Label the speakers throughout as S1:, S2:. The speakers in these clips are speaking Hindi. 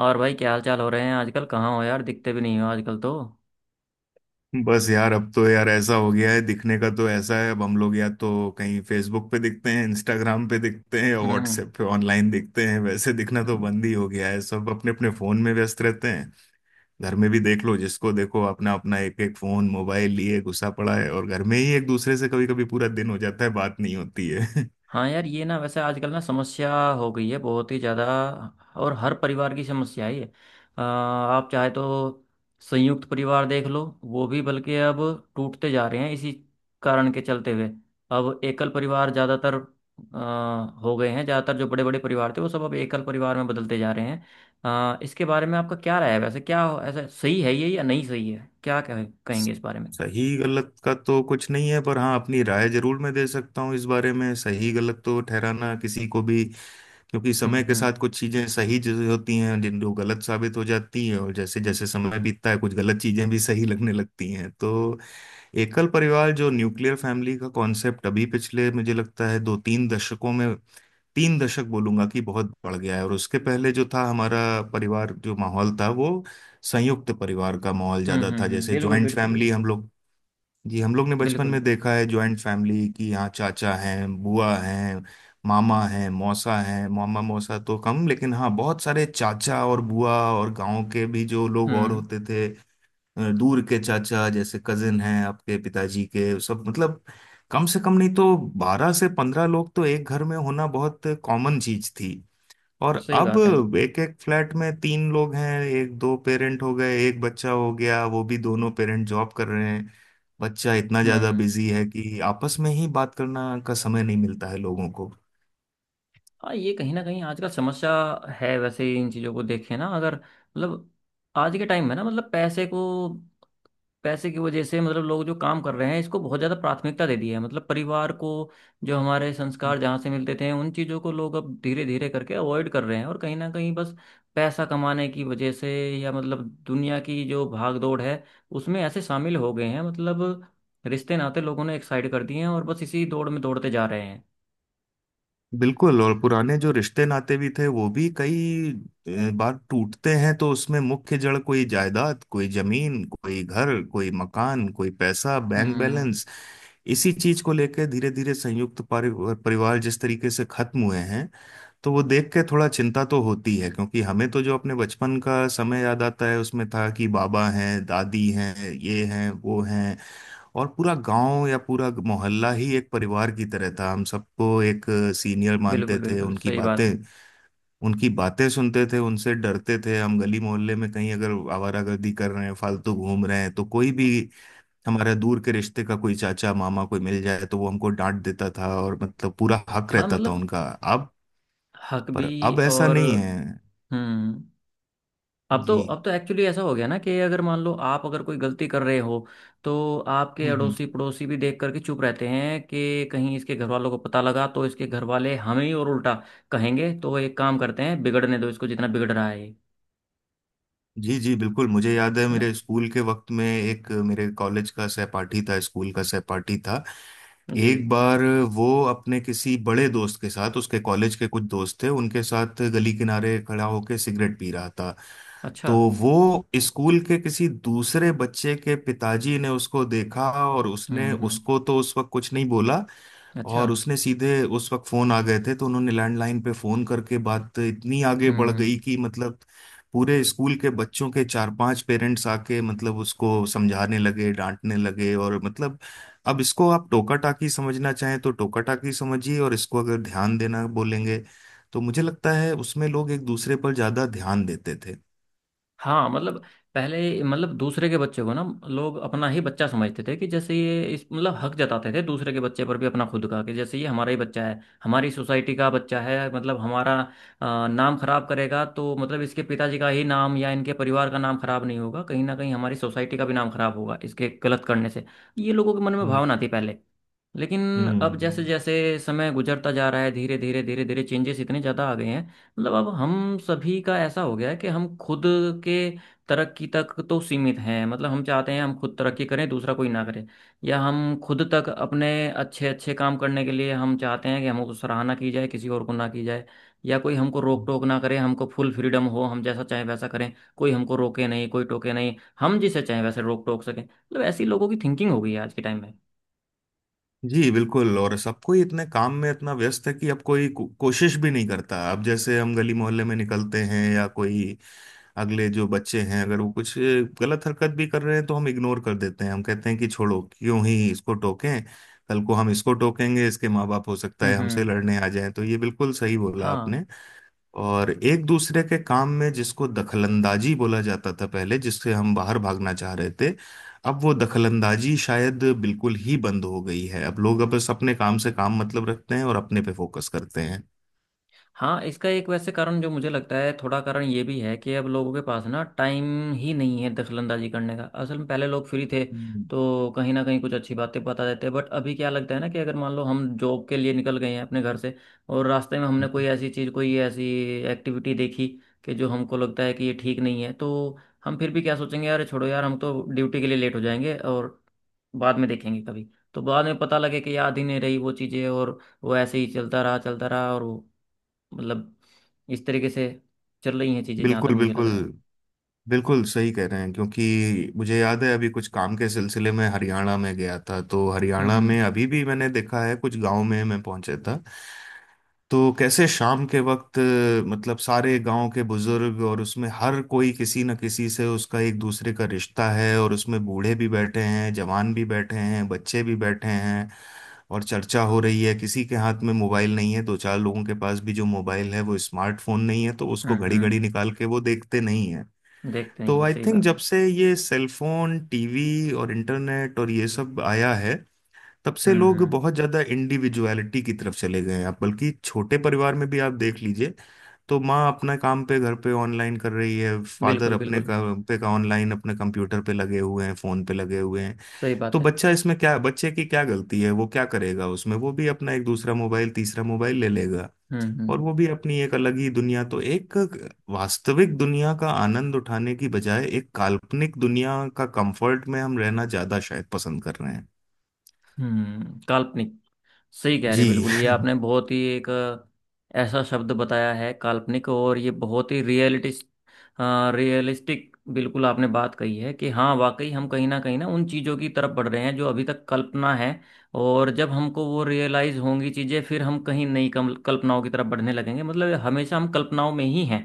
S1: और भाई, क्या हाल चाल हो रहे हैं आजकल? कहाँ हो यार, दिखते भी नहीं हो आजकल तो।
S2: बस यार, अब तो यार ऐसा हो गया है। दिखने का तो ऐसा है, अब हम लोग या तो कहीं फेसबुक पे दिखते हैं, इंस्टाग्राम पे दिखते हैं, या
S1: हम्म।
S2: व्हाट्सएप पे ऑनलाइन दिखते हैं। वैसे दिखना तो
S1: हम्म।
S2: बंद ही हो गया है। सब अपने अपने फोन में व्यस्त रहते हैं। घर में भी देख लो, जिसको देखो अपना अपना एक एक फोन मोबाइल लिए घुसा पड़ा है, और घर में ही एक दूसरे से कभी कभी पूरा दिन हो जाता है बात नहीं होती है।
S1: हाँ यार, ये ना वैसे आजकल ना समस्या हो गई है बहुत ही ज़्यादा। और हर परिवार की समस्या है ये। आप चाहे तो संयुक्त परिवार देख लो, वो भी बल्कि अब टूटते जा रहे हैं इसी कारण के चलते हुए। अब एकल परिवार ज़्यादातर हो गए हैं। ज़्यादातर जो बड़े बड़े परिवार थे वो सब अब एकल परिवार में बदलते जा रहे हैं। इसके बारे में आपका क्या राय है वैसे? क्या ऐसा सही है ये या नहीं सही है? क्या कहेंगे इस बारे में?
S2: सही गलत का तो कुछ नहीं है, पर हाँ अपनी राय जरूर मैं दे सकता हूँ इस बारे में। सही गलत तो ठहराना किसी को भी, क्योंकि
S1: हम्म।
S2: समय के
S1: हम्म।
S2: साथ कुछ चीजें सही चीजें होती हैं जिन जो गलत साबित हो जाती हैं, और जैसे जैसे समय बीतता है कुछ गलत चीजें भी सही लगने लगती हैं। तो एकल परिवार जो न्यूक्लियर फैमिली का कॉन्सेप्ट, अभी पिछले मुझे लगता है दो तीन दशकों में, तीन दशक बोलूंगा कि, बहुत बढ़ गया है। और उसके पहले जो था हमारा परिवार, जो माहौल था वो संयुक्त परिवार का माहौल
S1: हम्म।
S2: ज्यादा था।
S1: हम्म। हम्म।
S2: जैसे
S1: बिल्कुल
S2: ज्वाइंट
S1: बिल्कुल
S2: फैमिली
S1: बिल्कुल।
S2: हम लोग, जी हम लोग ने बचपन
S1: बिल्कुल
S2: में
S1: बिल्कुल।
S2: देखा है जॉइंट फैमिली की। यहाँ चाचा हैं, बुआ हैं, मामा हैं, मौसा हैं। मामा मौसा तो कम, लेकिन हाँ बहुत सारे चाचा और बुआ और गांव के भी जो लोग और
S1: हम्म।
S2: होते थे। दूर के चाचा जैसे कजिन हैं आपके पिताजी के, सब मतलब कम से कम नहीं तो 12 से 15 लोग तो एक घर में होना बहुत कॉमन चीज थी। और
S1: सही
S2: अब
S1: बात है।
S2: एक एक फ्लैट में तीन लोग हैं। एक दो पेरेंट हो गए, एक बच्चा हो गया, वो भी दोनों पेरेंट जॉब कर रहे हैं। बच्चा इतना ज्यादा
S1: हम्म।
S2: बिजी है कि आपस में ही बात करना का समय नहीं मिलता है लोगों को।
S1: हाँ ये कहीं ना कहीं आजकल समस्या है। वैसे इन चीज़ों को देखें ना, अगर मतलब आज के टाइम में ना, मतलब पैसे की वजह से मतलब लोग जो काम कर रहे हैं इसको बहुत ज़्यादा प्राथमिकता दे दी है, मतलब परिवार को। जो हमारे संस्कार जहाँ से मिलते थे उन चीज़ों को लोग अब धीरे धीरे करके अवॉइड कर रहे हैं। और कहीं ना कहीं बस पैसा कमाने की वजह से या मतलब दुनिया की जो भाग दौड़ है उसमें ऐसे शामिल हो गए हैं, मतलब रिश्ते नाते लोगों ने एक साइड कर दिए हैं और बस इसी दौड़ में दौड़ते जा रहे हैं।
S2: बिल्कुल। और पुराने जो रिश्ते नाते भी थे वो भी कई बार टूटते हैं, तो उसमें मुख्य जड़ कोई जायदाद, कोई जमीन, कोई घर, कोई मकान, कोई पैसा, बैंक
S1: हम्म।
S2: बैलेंस। इसी चीज को लेकर धीरे धीरे संयुक्त परिवार जिस तरीके से खत्म हुए हैं, तो वो देख के थोड़ा चिंता तो होती है। क्योंकि हमें तो जो अपने बचपन का समय याद आता है, उसमें था कि बाबा हैं, दादी हैं, ये हैं, वो हैं, और पूरा गांव या पूरा मोहल्ला ही एक परिवार की तरह था। हम सबको एक सीनियर मानते
S1: बिल्कुल
S2: थे,
S1: बिल्कुल, सही बात है।
S2: उनकी बातें सुनते थे, उनसे डरते थे। हम गली मोहल्ले में कहीं अगर आवारागर्दी कर रहे हैं, फालतू घूम रहे हैं, तो कोई भी हमारे दूर के रिश्ते का कोई चाचा, मामा कोई मिल जाए तो वो हमको डांट देता था, और मतलब पूरा हक
S1: हाँ
S2: रहता था
S1: मतलब।
S2: उनका आप
S1: हक भी।
S2: पर। अब ऐसा
S1: और।
S2: नहीं है।
S1: हम्म। अब तो,
S2: जी।
S1: अब तो एक्चुअली ऐसा हो गया ना कि अगर मान लो आप अगर कोई गलती कर रहे हो तो आपके
S2: हम्म। हम्म।
S1: अड़ोसी पड़ोसी भी देख करके चुप रहते हैं कि कहीं इसके घर वालों को पता लगा तो इसके घर वाले हमें ही और उल्टा कहेंगे। तो एक काम करते हैं, बिगड़ने दो इसको जितना बिगड़ रहा है ये।
S2: जी जी, बिल्कुल। मुझे याद है
S1: है ना?
S2: मेरे स्कूल के वक्त में एक मेरे कॉलेज का सहपाठी था, स्कूल का सहपाठी था।
S1: जी।
S2: एक बार वो अपने किसी बड़े दोस्त के साथ, उसके कॉलेज के कुछ दोस्त थे उनके साथ, गली किनारे खड़ा होकर सिगरेट पी रहा था।
S1: अच्छा।
S2: तो वो, स्कूल के किसी दूसरे बच्चे के पिताजी ने उसको देखा, और
S1: हम्म।
S2: उसने
S1: हम्म।
S2: उसको तो उस वक्त कुछ नहीं बोला।
S1: अच्छा।
S2: और उसने सीधे, उस वक्त फोन आ गए थे तो उन्होंने लैंडलाइन पे फोन करके, बात इतनी आगे
S1: हम्म।
S2: बढ़
S1: हम्म।
S2: गई कि मतलब पूरे स्कूल के बच्चों के चार पांच पेरेंट्स आके मतलब उसको समझाने लगे, डांटने लगे। और मतलब, अब इसको आप टोका टाकी समझना चाहें तो टोका टाकी समझिए, और इसको अगर ध्यान देना बोलेंगे, तो मुझे लगता है उसमें लोग एक दूसरे पर ज्यादा ध्यान देते थे।
S1: हाँ मतलब पहले मतलब दूसरे के बच्चे को ना लोग अपना ही बच्चा समझते थे, कि जैसे ये इस मतलब हक जताते थे दूसरे के बच्चे पर भी अपना खुद का, कि जैसे ये हमारा ही बच्चा है, हमारी सोसाइटी का बच्चा है, मतलब हमारा नाम खराब करेगा तो मतलब इसके पिताजी का ही नाम या इनके परिवार का नाम खराब नहीं होगा, कहीं ना कहीं हमारी सोसाइटी का भी नाम खराब होगा इसके गलत करने से। ये लोगों के मन में
S2: हम्म
S1: भावना थी पहले। लेकिन अब जैसे
S2: हम्म।
S1: जैसे समय गुजरता जा रहा है धीरे धीरे धीरे धीरे चेंजेस इतने ज़्यादा आ गए हैं, मतलब अब हम सभी का ऐसा हो गया है कि हम खुद के तरक्की तक तो सीमित हैं, मतलब हम चाहते हैं हम खुद तरक्की करें दूसरा कोई ना करे। या हम खुद तक अपने अच्छे अच्छे काम करने के लिए हम चाहते हैं कि हमको सराहना की जाए किसी और को ना की जाए। या कोई हमको रोक टोक ना करे, हमको फुल फ्रीडम हो, हम जैसा चाहें वैसा करें, कोई हमको रोके नहीं कोई टोके नहीं, हम जिसे चाहें वैसे रोक टोक सकें। मतलब ऐसी लोगों की थिंकिंग हो गई है आज के टाइम में।
S2: जी, बिल्कुल। और सब कोई इतने काम में इतना व्यस्त है कि अब कोशिश भी नहीं करता। अब जैसे हम गली मोहल्ले में निकलते हैं, या कोई अगले जो बच्चे हैं, अगर वो कुछ गलत हरकत भी कर रहे हैं तो हम इग्नोर कर देते हैं। हम कहते हैं कि छोड़ो, क्यों ही इसको टोकें। कल को हम इसको टोकेंगे, इसके माँ बाप हो सकता
S1: हम्म।
S2: है हमसे
S1: हम्म।
S2: लड़ने आ जाएं। तो ये बिल्कुल सही बोला
S1: हाँ।
S2: आपने। और एक दूसरे के काम में जिसको दखलंदाजी बोला जाता था पहले, जिससे हम बाहर भागना चाह रहे थे, अब वो दखलंदाजी शायद बिल्कुल ही बंद हो गई है। अब लोग अब बस अपने काम से काम मतलब रखते हैं और अपने पे फोकस करते हैं।
S1: हाँ इसका एक वैसे कारण जो मुझे लगता है, थोड़ा कारण ये भी है कि अब लोगों के पास ना टाइम ही नहीं है दखलंदाजी करने का, असल में पहले लोग फ्री थे
S2: हम्म।
S1: तो कहीं ना कहीं कुछ अच्छी बातें बता देते। बट अभी क्या लगता है ना कि अगर मान लो हम जॉब के लिए निकल गए हैं अपने घर से और रास्ते में हमने कोई ऐसी चीज़, कोई ऐसी एक्टिविटी देखी कि जो हमको लगता है कि ये ठीक नहीं है तो हम फिर भी क्या सोचेंगे, यार छोड़ो यार, हम तो ड्यूटी के लिए लेट हो जाएंगे और बाद में देखेंगे कभी। तो बाद में पता लगे कि याद ही नहीं रही वो चीज़ें, और वो ऐसे ही चलता रहा और वो, मतलब इस तरीके से चल रही हैं चीज़ें जहाँ तक
S2: बिल्कुल,
S1: मुझे लग
S2: बिल्कुल,
S1: रहा है।
S2: बिल्कुल सही कह रहे हैं। क्योंकि मुझे याद है अभी कुछ काम के सिलसिले में हरियाणा में गया था। तो हरियाणा
S1: हम्म।
S2: में अभी भी मैंने देखा है, कुछ गांव में मैं पहुंचे था। तो कैसे शाम के वक्त मतलब सारे गांव के बुजुर्ग, और उसमें हर कोई किसी न किसी से उसका एक दूसरे का रिश्ता है, और उसमें बूढ़े भी बैठे हैं, जवान भी बैठे हैं, बच्चे भी बैठे हैं, और चर्चा हो रही है। किसी के हाथ में मोबाइल नहीं है। दो चार लोगों के पास भी जो मोबाइल है वो स्मार्टफोन नहीं है, तो उसको
S1: हम्म।
S2: घड़ी
S1: हम्म।
S2: घड़ी निकाल के वो देखते नहीं है।
S1: देखते हैं,
S2: तो
S1: ये
S2: आई
S1: सही
S2: थिंक
S1: बात
S2: जब
S1: है।
S2: से ये सेलफोन, टीवी और इंटरनेट और ये सब आया है, तब से
S1: हम्म।
S2: लोग
S1: हम्म।
S2: बहुत ज्यादा इंडिविजुअलिटी की तरफ चले गए हैं। आप बल्कि छोटे परिवार में भी आप देख लीजिए, तो माँ अपना काम पे घर पे ऑनलाइन कर रही है, फादर
S1: बिल्कुल
S2: अपने
S1: बिल्कुल
S2: काम पे का ऑनलाइन अपने कंप्यूटर पे लगे हुए हैं, फोन पे लगे हुए हैं।
S1: सही
S2: तो
S1: बात है।
S2: बच्चा इसमें क्या, बच्चे की क्या गलती है, वो क्या करेगा उसमें, वो भी अपना एक दूसरा मोबाइल, तीसरा मोबाइल ले लेगा,
S1: हम्म।
S2: और
S1: हम्म।
S2: वो भी अपनी एक अलग ही दुनिया। तो एक वास्तविक दुनिया का आनंद उठाने की बजाय एक काल्पनिक दुनिया का कंफर्ट में हम रहना ज्यादा शायद पसंद कर रहे हैं।
S1: हम्म। काल्पनिक। सही कह रहे हैं,
S2: जी।
S1: बिल्कुल, ये आपने बहुत ही एक ऐसा शब्द बताया है, काल्पनिक। और ये बहुत ही रियलिटिस्ट रियलिस्टिक बिल्कुल आपने बात कही है कि हाँ वाकई हम कहीं ना उन चीज़ों की तरफ बढ़ रहे हैं जो अभी तक कल्पना है। और जब हमको वो रियलाइज होंगी चीज़ें फिर हम कहीं नई कल्पनाओं की तरफ बढ़ने लगेंगे। मतलब हमेशा हम कल्पनाओं में ही हैं।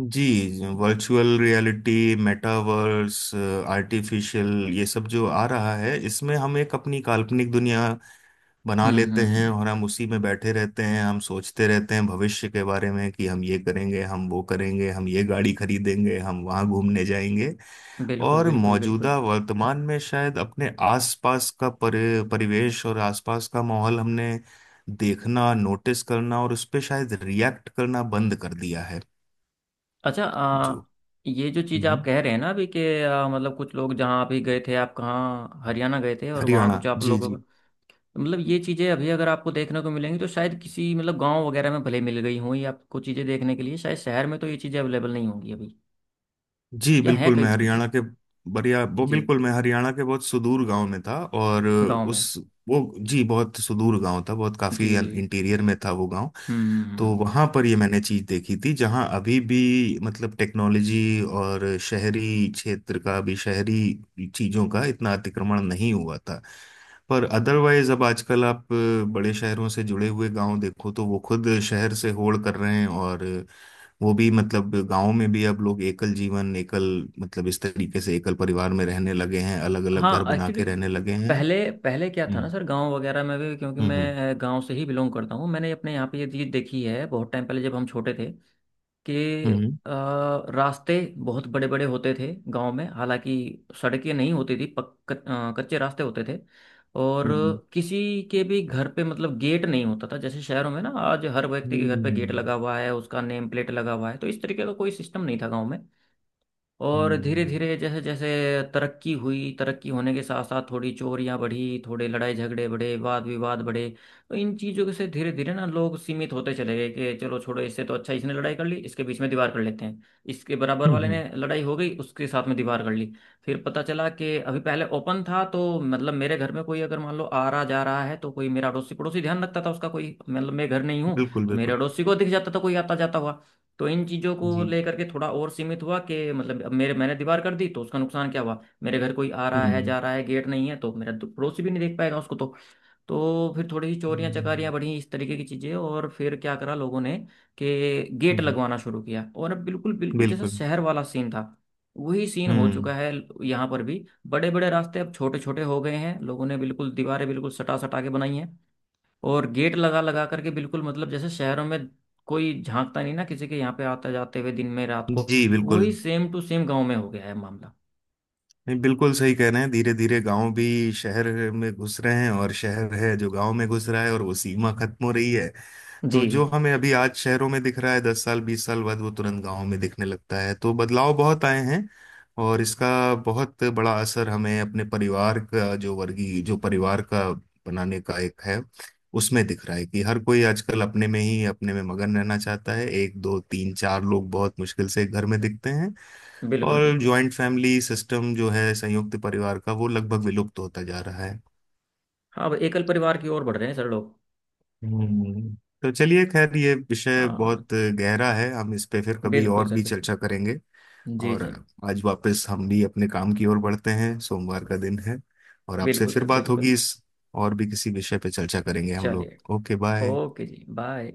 S2: जी। वर्चुअल रियलिटी, मेटावर्स, आर्टिफिशियल, ये सब जो आ रहा है, इसमें हम एक अपनी काल्पनिक दुनिया बना
S1: हम्म।
S2: लेते हैं,
S1: हम्म।
S2: और हम उसी में बैठे रहते हैं। हम सोचते रहते हैं भविष्य के बारे में, कि हम ये करेंगे, हम वो करेंगे, हम ये गाड़ी खरीदेंगे, हम वहाँ घूमने जाएंगे।
S1: बिल्कुल
S2: और
S1: बिल्कुल बिल्कुल।
S2: मौजूदा वर्तमान में शायद अपने आसपास का परिवेश और आसपास का माहौल हमने देखना, नोटिस करना और उस पर शायद रिएक्ट करना बंद कर दिया है।
S1: अच्छा।
S2: जो
S1: ये जो चीज़ आप
S2: हम्म।
S1: कह रहे हैं ना अभी कि मतलब कुछ लोग जहाँ अभी गए थे, आप कहाँ हरियाणा गए थे और वहाँ
S2: हरियाणा,
S1: कुछ आप
S2: जी
S1: लोगों को,
S2: जी।
S1: मतलब ये चीज़ें अभी अगर आपको देखने को मिलेंगी तो शायद किसी मतलब गांव वगैरह में भले मिल गई हों ये आपको चीज़ें देखने के लिए, शायद शहर में तो ये चीज़ें अवेलेबल नहीं होंगी अभी।
S2: जी
S1: या है
S2: बिल्कुल,
S1: कई
S2: मैं
S1: कुछ
S2: हरियाणा के, बढ़िया। वो
S1: जी।
S2: बिल्कुल, मैं हरियाणा के बहुत सुदूर गांव में था, और
S1: गाँव
S2: उस
S1: में।
S2: वो जी, बहुत सुदूर गांव था। बहुत
S1: जी
S2: काफी
S1: जी।
S2: इंटीरियर में था वो गांव।
S1: हम्म। हम्म।
S2: तो
S1: हम्म।
S2: वहां पर ये मैंने चीज देखी थी, जहां अभी भी मतलब टेक्नोलॉजी और शहरी क्षेत्र का, अभी शहरी चीजों का इतना अतिक्रमण नहीं हुआ था। पर अदरवाइज अब आजकल आप बड़े शहरों से जुड़े हुए गांव देखो तो वो खुद शहर से होड़ कर रहे हैं, और वो भी मतलब गांव में भी अब लोग एकल जीवन, एकल मतलब इस तरीके से एकल परिवार में रहने लगे हैं, अलग अलग घर
S1: हाँ
S2: बना
S1: एक्चुअली।
S2: के रहने लगे हैं।
S1: पहले पहले क्या था ना
S2: हम्म,
S1: सर, गांव वगैरह में भी क्योंकि
S2: हम्म,
S1: मैं गांव से ही बिलोंग करता हूँ, मैंने अपने यहाँ पे ये चीज़ देखी है बहुत टाइम पहले जब हम छोटे थे कि
S2: हम्म,
S1: अ, रास्ते बहुत बड़े बड़े होते थे गांव में। हालांकि सड़कें नहीं होती थी, कच्चे रास्ते होते थे और
S2: हम्म,
S1: किसी के भी घर पे मतलब गेट नहीं होता था, जैसे शहरों में ना आज हर व्यक्ति के घर पे गेट लगा
S2: हम्म,
S1: हुआ है, उसका नेम प्लेट लगा हुआ है। तो इस तरीके का कोई सिस्टम नहीं था गांव में। और धीरे
S2: हम्म,
S1: धीरे जैसे जैसे तरक्की हुई, तरक्की होने के साथ साथ थोड़ी चोरियां बढ़ी, थोड़े लड़ाई झगड़े बढ़े, वाद विवाद बढ़े। तो इन चीज़ों से धीरे धीरे ना लोग सीमित होते चले गए कि चलो छोड़ो, इससे तो अच्छा इसने लड़ाई कर ली इसके बीच में दीवार कर लेते हैं, इसके बराबर
S2: हम्म,
S1: वाले ने
S2: हम्म,
S1: लड़ाई हो गई उसके साथ में दीवार कर ली। फिर पता चला कि अभी पहले ओपन था तो मतलब मेरे घर में कोई अगर मान लो आ रहा जा रहा है तो कोई मेरा अड़ोसी पड़ोसी ध्यान रखता था, उसका कोई मतलब मैं घर नहीं हूँ
S2: बिल्कुल
S1: तो मेरे
S2: बिल्कुल।
S1: अड़ोसी को दिख जाता था कोई आता जाता हुआ। तो इन चीज़ों को
S2: जी।
S1: लेकर के थोड़ा और सीमित हुआ कि मतलब अब मेरे मैंने दीवार कर दी तो उसका नुकसान क्या हुआ, मेरे घर कोई आ रहा है
S2: हम्म,
S1: जा रहा है गेट नहीं है तो मेरा पड़ोसी भी नहीं देख पाएगा उसको तो। तो फिर थोड़ी सी चोरियां चकारियां
S2: हम्म,
S1: बढ़ी इस तरीके की चीज़ें और फिर क्या करा लोगों ने कि गेट
S2: हम्म,
S1: लगवाना शुरू किया, और अब बिल्कुल बिल्कुल जैसा
S2: बिल्कुल।
S1: शहर वाला सीन था वही सीन हो
S2: हम्म।
S1: चुका है। यहाँ पर भी बड़े बड़े रास्ते अब छोटे छोटे हो गए हैं, लोगों ने बिल्कुल दीवारें बिल्कुल सटा सटा के बनाई हैं और गेट लगा लगा करके बिल्कुल, मतलब जैसे शहरों में कोई झांकता नहीं ना किसी के यहाँ पे आते जाते हुए दिन में रात को,
S2: जी,
S1: वही
S2: बिल्कुल,
S1: सेम टू सेम गांव में हो गया है मामला।
S2: नहीं बिल्कुल सही कह रहे हैं। धीरे धीरे गांव भी शहर में घुस रहे हैं, और शहर है जो गांव में घुस रहा है, और वो सीमा खत्म हो रही है।
S1: जी।
S2: तो जो हमें अभी आज शहरों में दिख रहा है, 10 साल 20 साल बाद वो तुरंत गांव में दिखने लगता है। तो बदलाव बहुत आए हैं, और इसका बहुत बड़ा असर हमें अपने परिवार का, जो वर्गीय जो परिवार का बनाने का एक है, उसमें दिख रहा है। कि हर कोई आजकल अपने में ही, अपने में मगन रहना चाहता है। एक दो तीन चार लोग बहुत मुश्किल से एक घर में दिखते हैं,
S1: बिल्कुल
S2: और
S1: बिल्कुल।
S2: ज्वाइंट फैमिली सिस्टम जो है, संयुक्त परिवार का, वो लगभग विलुप्त होता जा रहा है।
S1: हाँ अब एकल परिवार की ओर बढ़ रहे हैं सर लोग।
S2: हम्म। तो चलिए, खैर ये विषय
S1: हाँ।
S2: बहुत गहरा है, हम इस पे फिर कभी
S1: बिल्कुल
S2: और
S1: सर
S2: भी
S1: बिल्कुल।
S2: चर्चा करेंगे।
S1: जी
S2: और
S1: जी।
S2: आज वापस हम भी अपने काम की ओर बढ़ते हैं, सोमवार का दिन है। और आपसे
S1: बिल्कुल
S2: फिर
S1: सर
S2: बात
S1: बिल्कुल।
S2: होगी, इस और भी किसी विषय पे चर्चा करेंगे हम लोग।
S1: चलिए।
S2: Okay bye.
S1: ओके जी बाय।